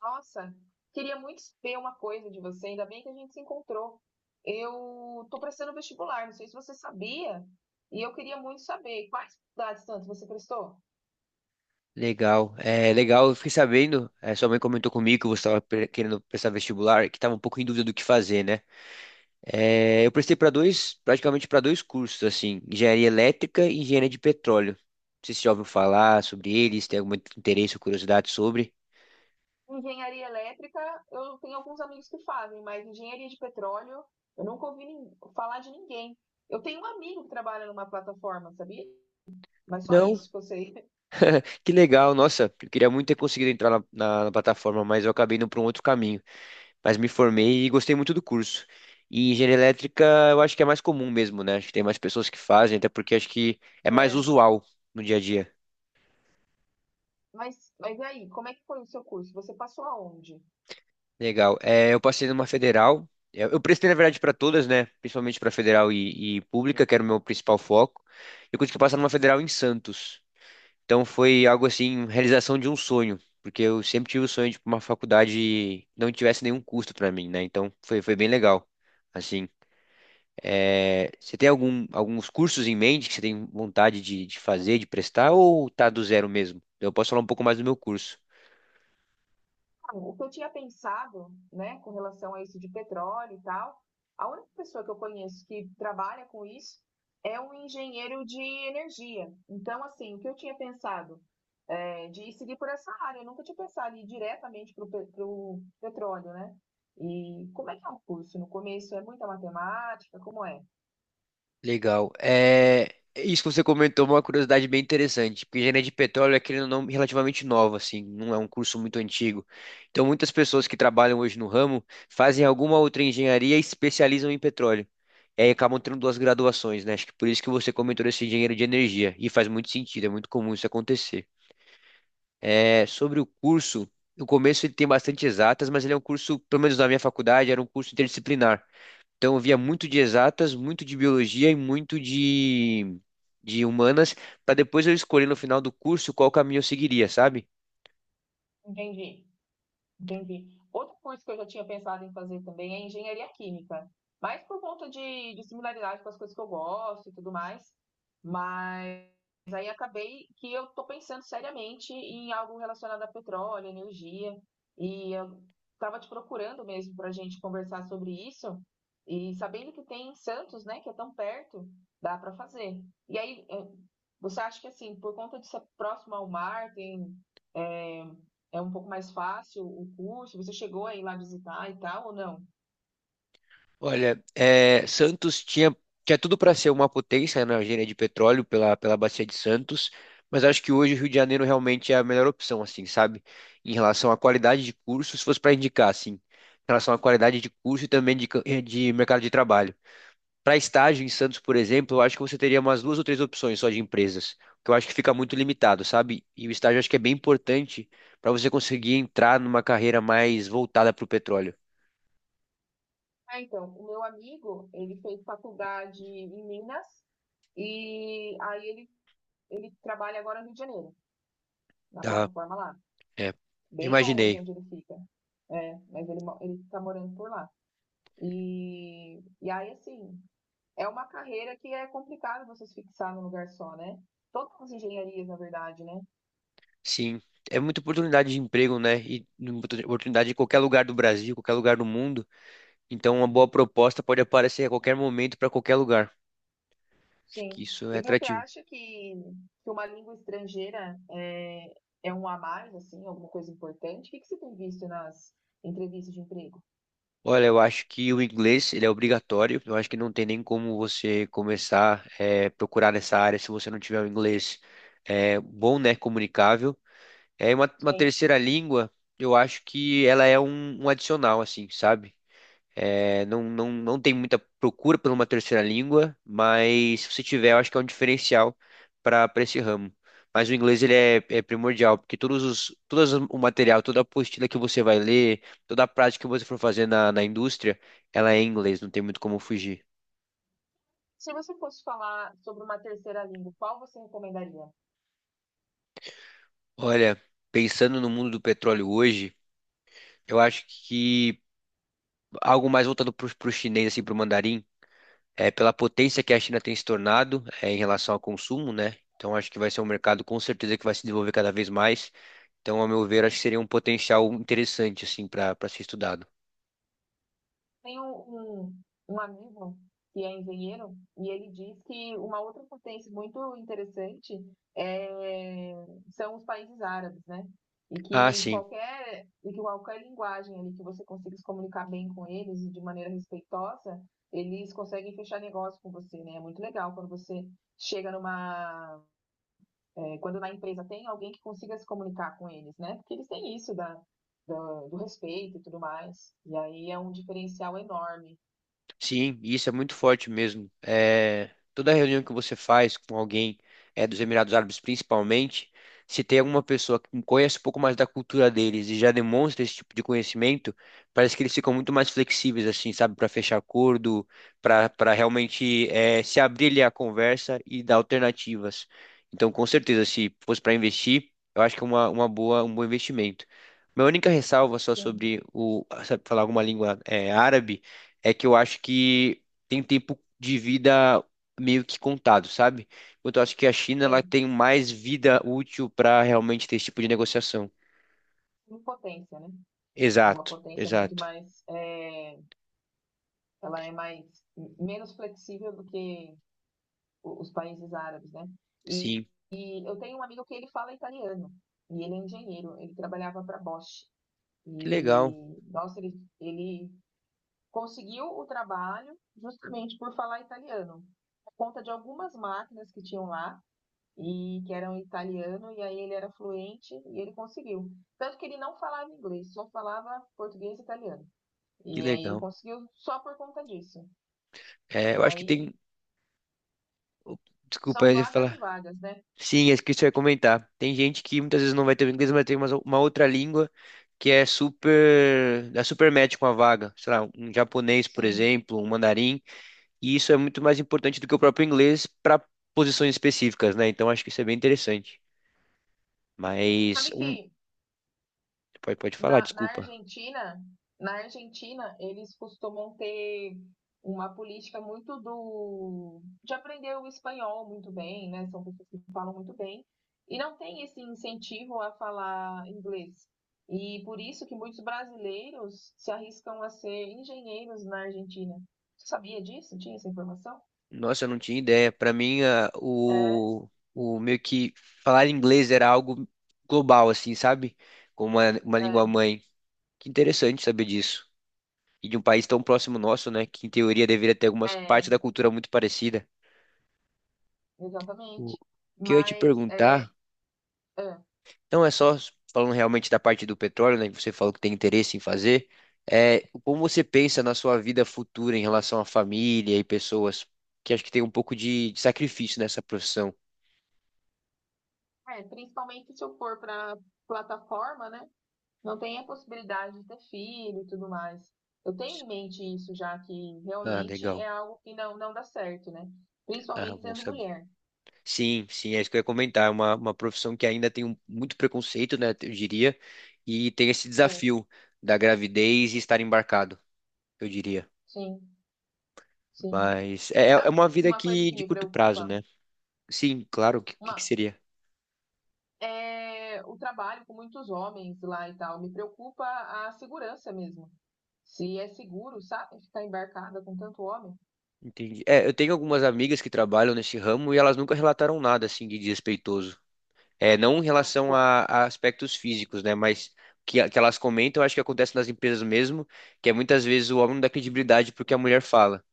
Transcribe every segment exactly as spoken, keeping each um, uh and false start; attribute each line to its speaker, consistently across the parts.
Speaker 1: Nossa, queria muito ver uma coisa de você, ainda bem que a gente se encontrou. Eu tô prestando vestibular, não sei se você sabia, e eu queria muito saber quais faculdades tanto você prestou?
Speaker 2: Legal, é legal. Eu fiquei sabendo, é, sua mãe comentou comigo que você estava querendo prestar vestibular, que estava um pouco em dúvida do que fazer, né? É, eu prestei para dois, praticamente para dois cursos, assim, engenharia elétrica e engenharia de petróleo. Não sei se você já ouviu falar sobre eles, tem algum interesse ou curiosidade sobre?
Speaker 1: Engenharia elétrica, eu tenho alguns amigos que fazem, mas engenharia de petróleo, eu nunca ouvi nin- falar de ninguém. Eu tenho um amigo que trabalha numa plataforma, sabia? Mas só
Speaker 2: Não,
Speaker 1: isso que eu sei.
Speaker 2: que legal. Nossa, eu queria muito ter conseguido entrar na, na- na plataforma, mas eu acabei indo para um outro caminho. Mas me formei e gostei muito do curso. E engenharia elétrica eu acho que é mais comum mesmo, né? Acho que tem mais pessoas que fazem, até porque acho que é mais
Speaker 1: É.
Speaker 2: usual no dia a dia.
Speaker 1: Mas, mas e aí, como é que foi o seu curso? Você passou aonde?
Speaker 2: Legal. É, eu passei numa federal. Eu, eu prestei, na verdade, para todas, né? Principalmente para federal e, e pública, que era o meu principal foco. Eu consegui passar numa federal em Santos. Então foi algo assim, realização de um sonho. Porque eu sempre tive o sonho de ir pra uma faculdade que não tivesse nenhum custo para mim, né? Então foi, foi bem legal. Assim, é, você tem algum, alguns cursos em mente que você tem vontade de, de fazer, de prestar, ou tá do zero mesmo? Eu posso falar um pouco mais do meu curso.
Speaker 1: O que eu tinha pensado, né, com relação a isso de petróleo e tal, a única pessoa que eu conheço que trabalha com isso é um engenheiro de energia. Então, assim, o que eu tinha pensado é de seguir por essa área. Eu nunca tinha pensado em ir diretamente para o petróleo, né? E como é que é o curso? No começo é muita matemática, como é?
Speaker 2: Legal. É, isso que você comentou é uma curiosidade bem interessante, porque engenharia de petróleo é, querendo ou não, relativamente nova, assim, não é um curso muito antigo. Então, muitas pessoas que trabalham hoje no ramo fazem alguma outra engenharia e especializam em petróleo. E aí acabam tendo duas graduações, né? Acho que por isso que você comentou esse engenheiro de energia. E faz muito sentido, é muito comum isso acontecer. É, sobre o curso, no começo ele tem bastante exatas, mas ele é um curso, pelo menos na minha faculdade, era um curso interdisciplinar. Então eu via muito de exatas, muito de biologia e muito de, de humanas, para depois eu escolher no final do curso qual caminho eu seguiria, sabe?
Speaker 1: Entendi. Entendi. Outro curso que eu já tinha pensado em fazer também é engenharia química, mas por conta de, de similaridade com as coisas que eu gosto e tudo mais. Mas aí acabei que eu estou pensando seriamente em algo relacionado a petróleo, energia, e eu estava te procurando mesmo para a gente conversar sobre isso, e sabendo que tem em Santos, né, que é tão perto, dá para fazer. E aí, eh, você acha que assim, por conta de ser próximo ao mar, tem eh, é um pouco mais fácil o curso? Você chegou a ir lá visitar e tal, ou não?
Speaker 2: Olha, é, Santos tinha, tinha tudo para ser uma potência na engenharia de petróleo pela, pela Bacia de Santos, mas acho que hoje o Rio de Janeiro realmente é a melhor opção, assim, sabe? Em relação à qualidade de curso, se fosse para indicar, assim, em relação à qualidade de curso e também de, ca- eh, de mercado de trabalho. Para estágio em Santos, por exemplo, eu acho que você teria umas duas ou três opções só de empresas, que eu acho que fica muito limitado, sabe? E o estágio eu acho que é bem importante para você conseguir entrar numa carreira mais voltada para o petróleo,
Speaker 1: Ah, então, o meu amigo, ele fez faculdade em Minas e aí ele, ele trabalha agora no Rio de Janeiro, na
Speaker 2: tá?
Speaker 1: plataforma lá,
Speaker 2: É,
Speaker 1: bem longe
Speaker 2: imaginei.
Speaker 1: onde ele fica. É, mas ele, mo- ele tá morando por lá. E, e aí, assim, é uma carreira que é complicado você se fixar num lugar só, né? Todas as engenharias, na verdade, né?
Speaker 2: Sim, é muita oportunidade de emprego, né? E muita oportunidade em qualquer lugar do Brasil, qualquer lugar do mundo. Então, uma boa proposta pode aparecer a qualquer momento para qualquer lugar. Acho que
Speaker 1: Sim.
Speaker 2: isso é
Speaker 1: E você
Speaker 2: atrativo.
Speaker 1: acha que, que uma língua estrangeira é, é um a mais, assim, alguma coisa importante? O que, que você tem visto nas entrevistas de emprego?
Speaker 2: Olha, eu acho que o inglês ele é obrigatório. Eu acho que não tem nem como você começar a procurar nessa área se você não tiver o inglês é, bom, né? Comunicável. É uma, uma
Speaker 1: Sim.
Speaker 2: terceira língua. Eu acho que ela é um, um adicional, assim, sabe? É, não, não, não tem muita procura por uma terceira língua, mas se você tiver, eu acho que é um diferencial para para esse ramo. Mas o inglês ele é, é primordial, porque todos os, todas as- o material, toda a apostila que você vai ler, toda a prática que você for fazer na, na indústria, ela é em inglês, não tem muito como fugir.
Speaker 1: Se você fosse falar sobre uma terceira língua, qual você recomendaria?
Speaker 2: Olha, pensando no mundo do petróleo hoje, eu acho que algo mais voltado para o chinês, assim, para o mandarim. É, pela potência que a China tem se tornado é, em relação ao consumo, né? Então acho que vai ser um mercado com certeza que vai se desenvolver cada vez mais. Então, ao meu ver, acho que seria um potencial interessante assim para para ser estudado.
Speaker 1: Tem um, um, um amigo que é engenheiro e ele diz que uma outra potência muito interessante é, são os países árabes, né? E
Speaker 2: Ah,
Speaker 1: que
Speaker 2: sim.
Speaker 1: qualquer, e que qualquer linguagem ali que você consiga se comunicar bem com eles e de maneira respeitosa, eles conseguem fechar negócio com você, né? É muito legal quando você chega numa. É, quando na empresa tem alguém que consiga se comunicar com eles, né? Porque eles têm isso da, da- do respeito e tudo mais. E aí é um diferencial enorme.
Speaker 2: Sim, e isso é muito forte mesmo. É, toda reunião que você faz com alguém é, dos Emirados Árabes, principalmente, se tem alguma pessoa que conhece um pouco mais da cultura deles e já demonstra esse tipo de conhecimento, parece que eles ficam muito mais flexíveis, assim, sabe, para fechar acordo, para para realmente, é, se abrir ali à conversa e dar alternativas. Então, com certeza, se fosse para investir, eu acho que é uma, uma boa, um bom investimento. Minha única ressalva só
Speaker 1: Sim,
Speaker 2: sobre o, sabe, falar alguma língua, é, árabe, é que eu acho que tem um tempo de vida meio que contado, sabe? Enquanto eu acho que a China ela
Speaker 1: sim.
Speaker 2: tem mais vida útil para realmente ter esse tipo de negociação.
Speaker 1: Em potência, né? É. Uma
Speaker 2: Exato,
Speaker 1: potência muito
Speaker 2: exato.
Speaker 1: mais, é, ela é mais menos flexível do que o- os países árabes, né? E,
Speaker 2: Sim,
Speaker 1: e eu tenho um amigo que ele fala italiano e ele é engenheiro. Ele trabalhava para Bosch
Speaker 2: que legal,
Speaker 1: e nossa, ele, ele conseguiu o trabalho justamente por falar italiano, por conta de algumas máquinas que tinham lá e que era um italiano, e aí ele era fluente e ele conseguiu. Tanto que ele não falava inglês, só falava português e italiano.
Speaker 2: que
Speaker 1: E aí ele
Speaker 2: legal.
Speaker 1: conseguiu só por conta disso.
Speaker 2: É,
Speaker 1: E
Speaker 2: eu acho que
Speaker 1: aí
Speaker 2: tem. Desculpa,
Speaker 1: são
Speaker 2: eu ia
Speaker 1: vagas e
Speaker 2: falar.
Speaker 1: vagas, né?
Speaker 2: Sim, é isso que eu ia comentar. Tem gente que muitas vezes não vai ter o inglês, mas tem uma, uma outra língua que é super. Dá super match com a vaga. Sei lá, um japonês, por
Speaker 1: Sim.
Speaker 2: exemplo, um mandarim. E isso é muito mais importante do que o próprio inglês para posições específicas, né? Então acho que isso é bem interessante. Mas
Speaker 1: Sabe
Speaker 2: um,
Speaker 1: que
Speaker 2: pode, pode falar,
Speaker 1: na, na
Speaker 2: desculpa.
Speaker 1: Argentina, na Argentina, eles costumam ter uma política muito do de aprender o espanhol muito bem, né? São pessoas que falam muito bem e não tem esse incentivo a falar inglês. E por isso que muitos brasileiros se arriscam a ser engenheiros na Argentina. Você sabia disso? Tinha essa informação?
Speaker 2: Nossa, eu não tinha ideia. Para mim, a-
Speaker 1: É,
Speaker 2: o, o meio que falar inglês era algo global, assim, sabe? Como uma, uma
Speaker 1: é,
Speaker 2: língua mãe. Que interessante saber disso. E de um país tão próximo nosso, né? Que em teoria deveria ter algumas
Speaker 1: é,
Speaker 2: partes da cultura muito parecida. O
Speaker 1: exatamente.
Speaker 2: que eu ia te
Speaker 1: Mas é,
Speaker 2: perguntar.
Speaker 1: é,
Speaker 2: Então, é só falando realmente da parte do petróleo, né, que você falou que tem interesse em fazer, é, como você pensa na sua vida futura em relação à família e pessoas que acho que tem um pouco de, de sacrifício nessa profissão?
Speaker 1: é, principalmente se eu for para plataforma, né? Não tem a possibilidade de ter filho e tudo mais. Eu tenho em mente isso já que
Speaker 2: Ah,
Speaker 1: realmente
Speaker 2: legal.
Speaker 1: é algo que não, não dá certo, né?
Speaker 2: Ah,
Speaker 1: Principalmente
Speaker 2: bom
Speaker 1: sendo
Speaker 2: saber.
Speaker 1: mulher.
Speaker 2: Sim, sim, é isso que eu ia comentar. É uma, uma profissão que ainda tem um- muito preconceito, né, eu diria, e tem esse
Speaker 1: Sim,
Speaker 2: desafio da gravidez e estar embarcado, eu diria.
Speaker 1: sim, sim.
Speaker 2: Mas é, é
Speaker 1: Sabe
Speaker 2: uma vida
Speaker 1: uma coisa
Speaker 2: que
Speaker 1: que
Speaker 2: de
Speaker 1: me
Speaker 2: curto prazo,
Speaker 1: preocupa?
Speaker 2: né? Sim, claro, o que, que que
Speaker 1: Uma,
Speaker 2: seria?
Speaker 1: é o trabalho com muitos homens lá e tal. Me preocupa a segurança mesmo. Se é seguro, sabe? Ficar embarcada com tanto homem.
Speaker 2: Entendi. É, eu tenho algumas amigas que trabalham nesse ramo e elas nunca relataram nada assim de desrespeitoso. É, não em
Speaker 1: Ah, que
Speaker 2: relação
Speaker 1: bom.
Speaker 2: a, a aspectos físicos, né? Mas que, que elas comentam, eu acho que acontece nas empresas mesmo, que é muitas vezes o homem não dá credibilidade porque a mulher fala.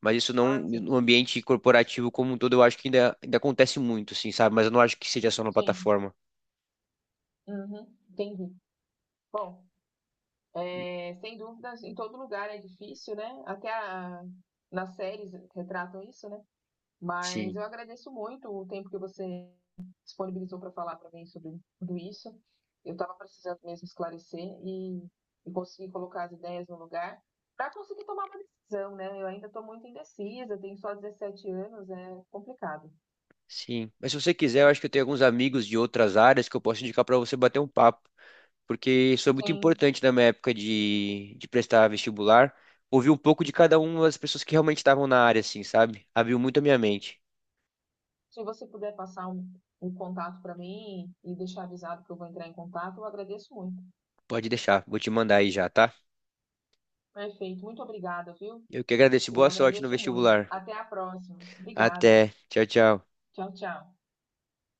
Speaker 2: Mas isso não,
Speaker 1: Ah, sim.
Speaker 2: no ambiente corporativo como um todo, eu acho que ainda, ainda acontece muito, assim, sabe? Mas eu não acho que seja só na
Speaker 1: Sim.
Speaker 2: plataforma.
Speaker 1: Uhum, entendi. Bom. É, sem dúvidas, em todo lugar é difícil, né? Até a- nas séries retratam isso, né? Mas
Speaker 2: Sim,
Speaker 1: eu agradeço muito o tempo que você disponibilizou para falar para mim sobre tudo isso. Eu estava precisando mesmo esclarecer e, e conseguir colocar as ideias no lugar para conseguir tomar uma decisão, né? Eu ainda estou muito indecisa, tenho só dezessete anos, é complicado.
Speaker 2: sim. Mas se você quiser, eu acho que eu tenho alguns amigos de outras áreas que eu posso indicar para você bater um papo. Porque isso é muito
Speaker 1: Sim,
Speaker 2: importante na minha época de, de prestar vestibular, ouvir um pouco de cada uma das pessoas que realmente estavam na área, assim, sabe? Abriu muito a minha mente.
Speaker 1: se você puder passar um, um contato para mim e deixar avisado que eu vou entrar em contato, eu agradeço muito.
Speaker 2: Pode deixar, vou te mandar aí já, tá?
Speaker 1: Perfeito, muito obrigada, viu?
Speaker 2: Eu que agradeço, boa
Speaker 1: Eu
Speaker 2: sorte no
Speaker 1: agradeço muito.
Speaker 2: vestibular.
Speaker 1: Até a próxima. Obrigada.
Speaker 2: Até, tchau, tchau.
Speaker 1: Tchau, tchau.